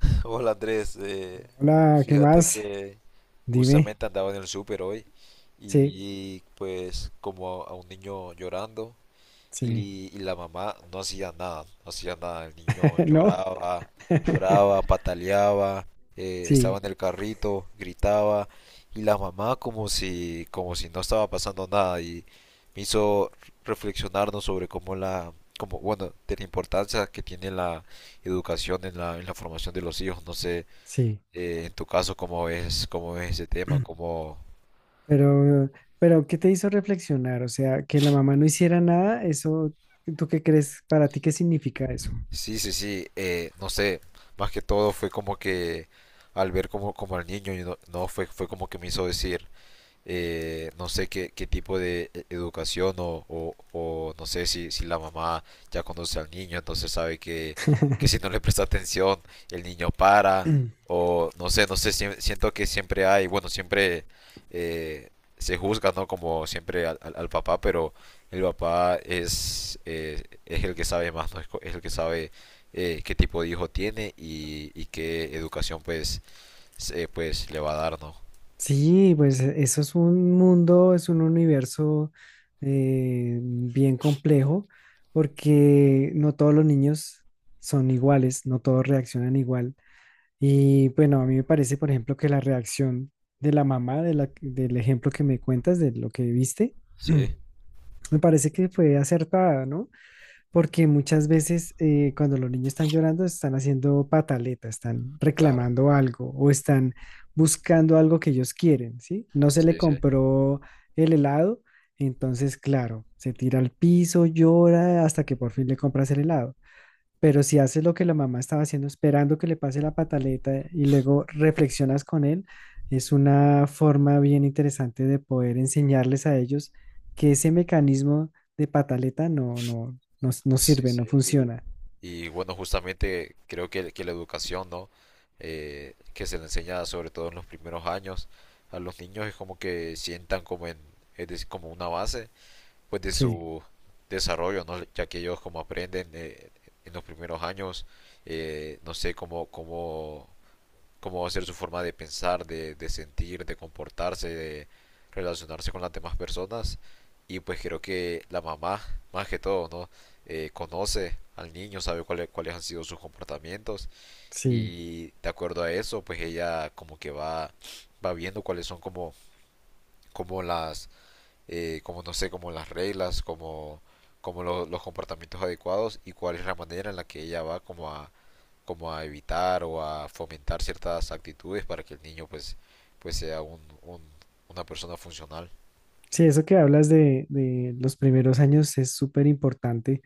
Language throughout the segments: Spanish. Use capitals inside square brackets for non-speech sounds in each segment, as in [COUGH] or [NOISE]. [LAUGHS] Hola Andrés, Hola, ¿qué fíjate más? que Dime. justamente andaba en el súper hoy y Sí, vi pues como a un niño llorando sí. Y la mamá no hacía nada, no hacía nada. El niño [LAUGHS] ¿No? lloraba, [LAUGHS] lloraba, pataleaba, estaba Sí, en el carrito, gritaba. Y la mamá como si no estaba pasando nada. Y me hizo reflexionarnos sobre bueno, de la importancia que tiene la educación en la formación de los hijos. No sé, sí. En tu caso, cómo es ese tema, cómo, Pero, pero, ¿qué te hizo reflexionar? O sea, que la mamá no hiciera nada, eso, ¿tú qué crees? ¿Para ti qué significa eso? sí, sí, sí, no sé, más que todo fue como que al ver como, como al niño, y no, no, fue, fue como que me hizo decir, no sé qué, qué tipo de educación o no sé si, si la mamá ya conoce al niño, entonces sabe que si [CLEARS THROAT] no le presta atención, el niño para, o no sé, no sé, siento que siempre hay, bueno, siempre eh, se juzga, ¿no? Como siempre al, al papá, pero el papá es el que sabe más, ¿no? Es, es el que sabe qué tipo de hijo tiene y qué educación pues, pues le va a dar, ¿no? Sí, pues eso es un mundo, es un universo bien complejo, porque no todos los niños son iguales, no todos reaccionan igual. Y bueno, a mí me parece, por ejemplo, que la reacción de la mamá del ejemplo que me cuentas, de lo que viste. Sí, [CLEARS THROAT] Me parece que fue acertada, ¿no? Porque muchas veces cuando los niños están llorando, están haciendo pataleta, están claro. reclamando algo o están buscando algo que ellos quieren, ¿sí? No se le Sí, sí. compró el helado, entonces, claro, se tira al piso, llora hasta que por fin le compras el helado. Pero si haces lo que la mamá estaba haciendo, esperando que le pase la pataleta y luego reflexionas con él, es una forma bien interesante de poder enseñarles a ellos que ese mecanismo de pataleta no Sí, sirve, sí, no funciona. y bueno, justamente creo que la educación, ¿no? Que se le enseña sobre todo en los primeros años a los niños es como que sientan como en, es decir, como una base, pues de Sí, su desarrollo, ¿no? Ya que ellos como aprenden en los primeros años, no sé, cómo, cómo va a ser su forma de pensar, de sentir, de comportarse, de relacionarse con las demás personas. Y pues creo que la mamá, más que todo, ¿no? Conoce al niño, sabe cuáles, cuáles han sido sus comportamientos sí. y de acuerdo a eso, pues ella como que va, va viendo cuáles son como, como las, como no sé, como las reglas, como, como los comportamientos adecuados y cuál es la manera en la que ella va como a, como a evitar o a fomentar ciertas actitudes para que el niño pues, pues sea un, una persona funcional. Sí, eso que hablas de los primeros años es súper importante.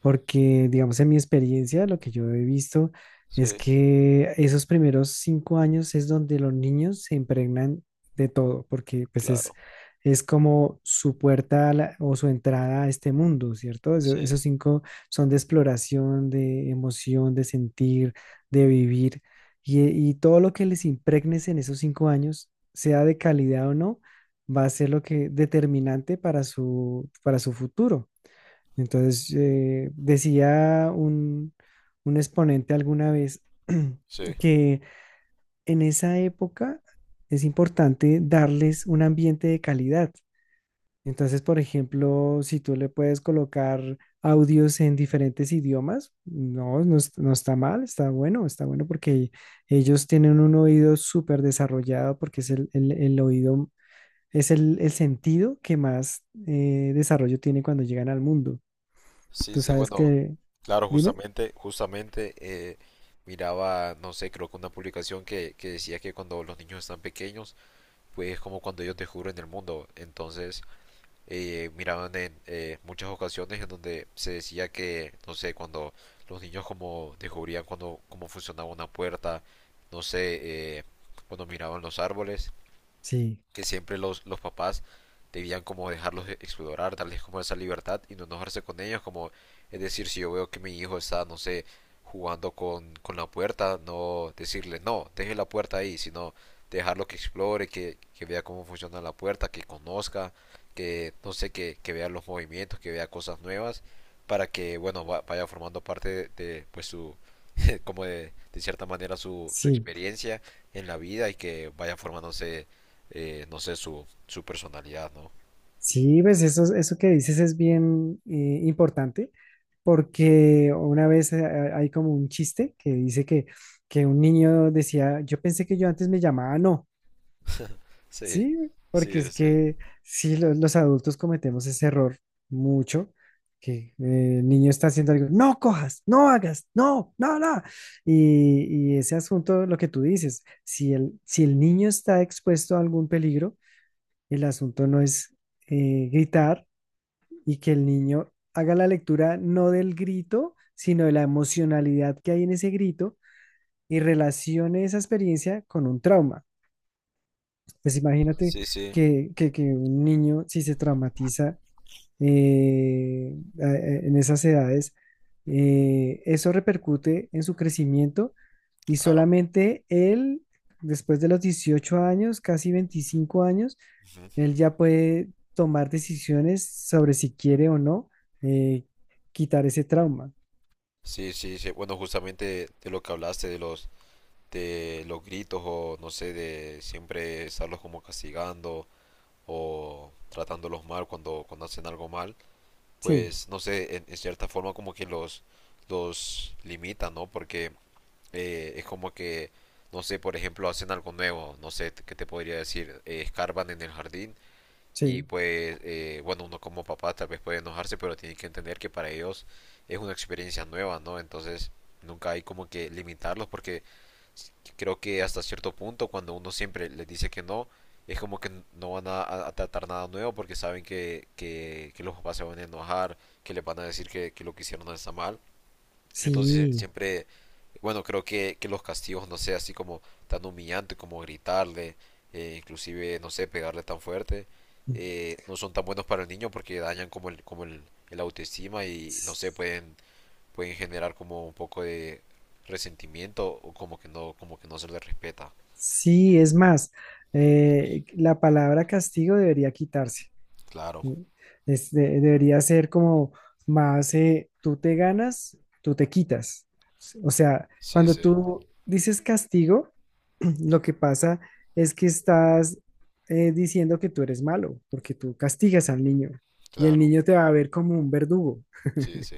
Porque, digamos, en mi experiencia, lo que yo he visto es Sí, que esos primeros 5 años es donde los niños se impregnan de todo, porque pues claro, es como su puerta a o su entrada a este mundo, ¿cierto? Sí. Esos 5 son de exploración, de emoción, de sentir, de vivir, y todo lo que les impregnes en esos 5 años, sea de calidad o no, va a ser lo que determinante para para su futuro. Entonces, decía un exponente alguna vez Sí, [CLEARS THROAT] que en esa época es importante darles un ambiente de calidad. Entonces, por ejemplo, si tú le puedes colocar audios en diferentes idiomas, no, no, no está mal, está bueno porque ellos tienen un oído súper desarrollado porque es el oído, es el sentido que más desarrollo tiene cuando llegan al mundo. sí, Tú sí, sabes bueno, que claro, Dime. justamente, justamente miraba, no sé, creo que una publicación que decía que cuando los niños están pequeños, pues es como cuando ellos descubren el mundo, entonces miraban en muchas ocasiones en donde se decía que, no sé, cuando los niños como descubrían cuando, cómo funcionaba una puerta, no sé, cuando miraban los árboles, Sí, que siempre los papás debían como dejarlos e, explorar, darles como esa libertad y no enojarse con ellos, como es decir, si yo veo que mi hijo está, no sé, jugando con la puerta, no decirle, no, deje la puerta ahí, sino dejarlo que explore, que vea cómo funciona la puerta, que conozca, que no sé, que vea los movimientos, que vea cosas nuevas, para que, bueno, vaya formando parte de, pues su, [LAUGHS] como de cierta manera su, su sí, experiencia en la vida y que vaya formándose no sé, su personalidad, ¿no? sí, ves, eso que dices es bien importante porque una vez hay como un chiste que dice que un niño decía, yo pensé que yo antes me llamaba no, Sí, ¿sí? Porque sí, es sí, que sí, los adultos cometemos ese error mucho, que el niño está haciendo algo, no cojas, no hagas, no, no, no. Y ese asunto, lo que tú dices, si el, si el niño está expuesto a algún peligro, el asunto no es gritar y que el niño haga la lectura no del grito, sino de la emocionalidad que hay en ese grito y relacione esa experiencia con un trauma. Pues imagínate sí, sí. Sí, que un niño, si se traumatiza eh, en esas edades, eso repercute en su crecimiento y claro. solamente él, después de los 18 años, casi 25 años, Ujú. él ya puede tomar decisiones sobre si quiere o no eh, quitar ese trauma. Sí, sí, sí. Bueno, justamente de lo que hablaste, de los gritos o no sé, de siempre estarlos como castigando o tratándolos mal cuando, cuando hacen algo mal, Sí, pues no sé, en cierta forma como que los limita, ¿no? Porque es como que, no sé, por ejemplo, hacen algo nuevo, no sé, ¿qué te podría decir? Escarban en el jardín. Y sí, pues, bueno, uno como papá tal vez puede enojarse, pero tiene que entender que para ellos es una experiencia nueva, ¿no? Entonces, nunca hay como que limitarlos porque creo que hasta cierto punto cuando uno siempre les dice que no, es como que no van a, a tratar nada nuevo porque saben que los papás se van a enojar, que les van a decir que lo que hicieron no está mal. Entonces sí. siempre, bueno, creo que los castigos, no sé, así como tan humillante como gritarle, inclusive, no sé, pegarle tan fuerte, Mm. No son tan buenos para el niño porque dañan como el autoestima y, no sé, S- pueden, pueden generar como un poco de resentimiento o como que no se le respeta. Sí, es más, la palabra castigo debería quitarse. Claro, Es debería ser como más, tú te ganas, tú te quitas. O sea, sí, cuando sí, tú dices castigo, [CLEARS THROAT] lo que pasa es que estás diciendo que tú eres malo, porque tú castigas al niño y el claro, niño te va a ver como un verdugo. [LAUGHS] sí, sí,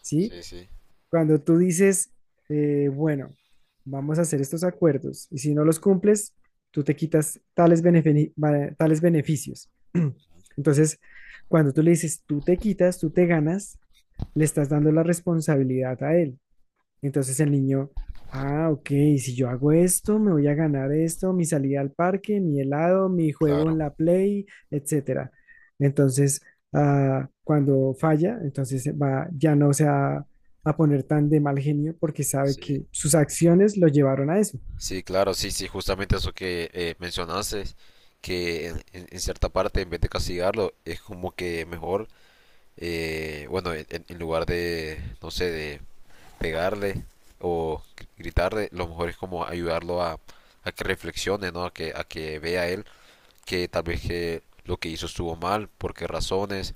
¿Sí? sí, sí, Cuando tú dices, bueno, vamos a hacer estos acuerdos y si no los cumples, tú te quitas tales, tales beneficios. [CLEARS THROAT] Entonces, cuando tú le dices, tú te quitas, tú te ganas, le estás dando la responsabilidad a él. Entonces el niño, ah, ok, si yo hago esto, me voy a ganar esto, mi salida al parque, mi helado, mi juego en claro, la Play, etcétera. Entonces, ah, cuando falla, entonces va, ya no se va a poner tan de mal genio porque sabe sí. que sus acciones lo llevaron a eso. Sí, claro, sí, sí, justamente eso que mencionaste, que en, en cierta parte, en vez de castigarlo, es como que mejor, bueno, en, en lugar de, no sé, de pegarle o gritarle, lo mejor es como ayudarlo a que reflexione, ¿no? A que vea él que tal vez que lo que hizo estuvo mal, por qué razones,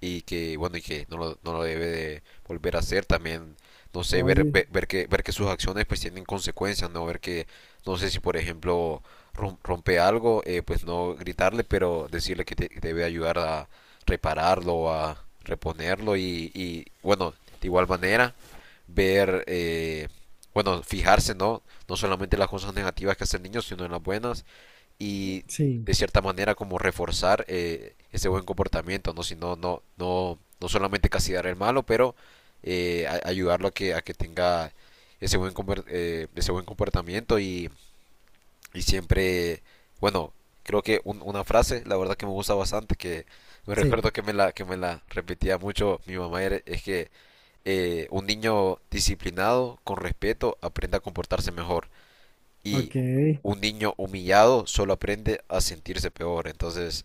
y que bueno, y que no lo, no lo debe de volver a hacer también. No sé, ver, Oye, ver, ver que sus acciones pues tienen consecuencias, no ver que, no sé si por ejemplo rompe algo, pues no gritarle, pero decirle que, que debe ayudar a repararlo, a reponerlo y, bueno, de igual manera ver, bueno, fijarse, ¿no? No solamente en las cosas negativas que hace el niño, sino en las buenas y sí, de cierta manera como reforzar ese buen comportamiento, ¿no? Si no, no, no, no solamente castigar el malo, pero ayudarlo a que tenga ese buen, ese buen comportamiento y siempre, bueno, creo que una frase, la verdad que me gusta bastante, que me sí, recuerdo que me la repetía mucho mi mamá, es que un niño disciplinado, con respeto, aprende a comportarse mejor. Y ok, un niño humillado solo aprende a sentirse peor. Entonces,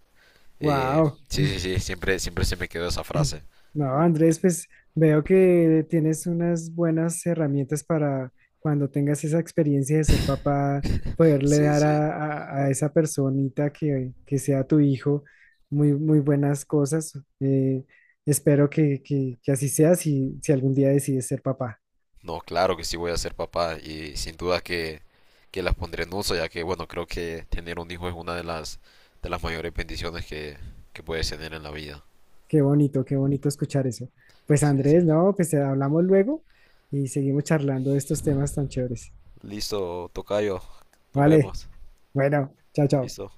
eh, wow. sí, sí, sí, siempre, siempre se me quedó esa frase. No, Andrés, pues veo que tienes unas buenas herramientas para cuando tengas esa experiencia de ser papá, [LAUGHS] poderle Sí, dar sí. a, a esa personita que sea tu hijo muy, muy buenas cosas. Eh, espero que, que así sea si, si algún día decides ser papá. No, claro que sí voy a ser papá y sin duda que las pondré en uso, ya que, bueno, creo que tener un hijo es una de las mayores bendiciones que puedes tener en la vida. Qué bonito escuchar eso. Pues Sí, sí. Andrés, no, pues te hablamos luego y seguimos charlando de estos temas tan chéveres. Listo, tocayo. Nos Vale, vemos. bueno, chao, chao. Listo.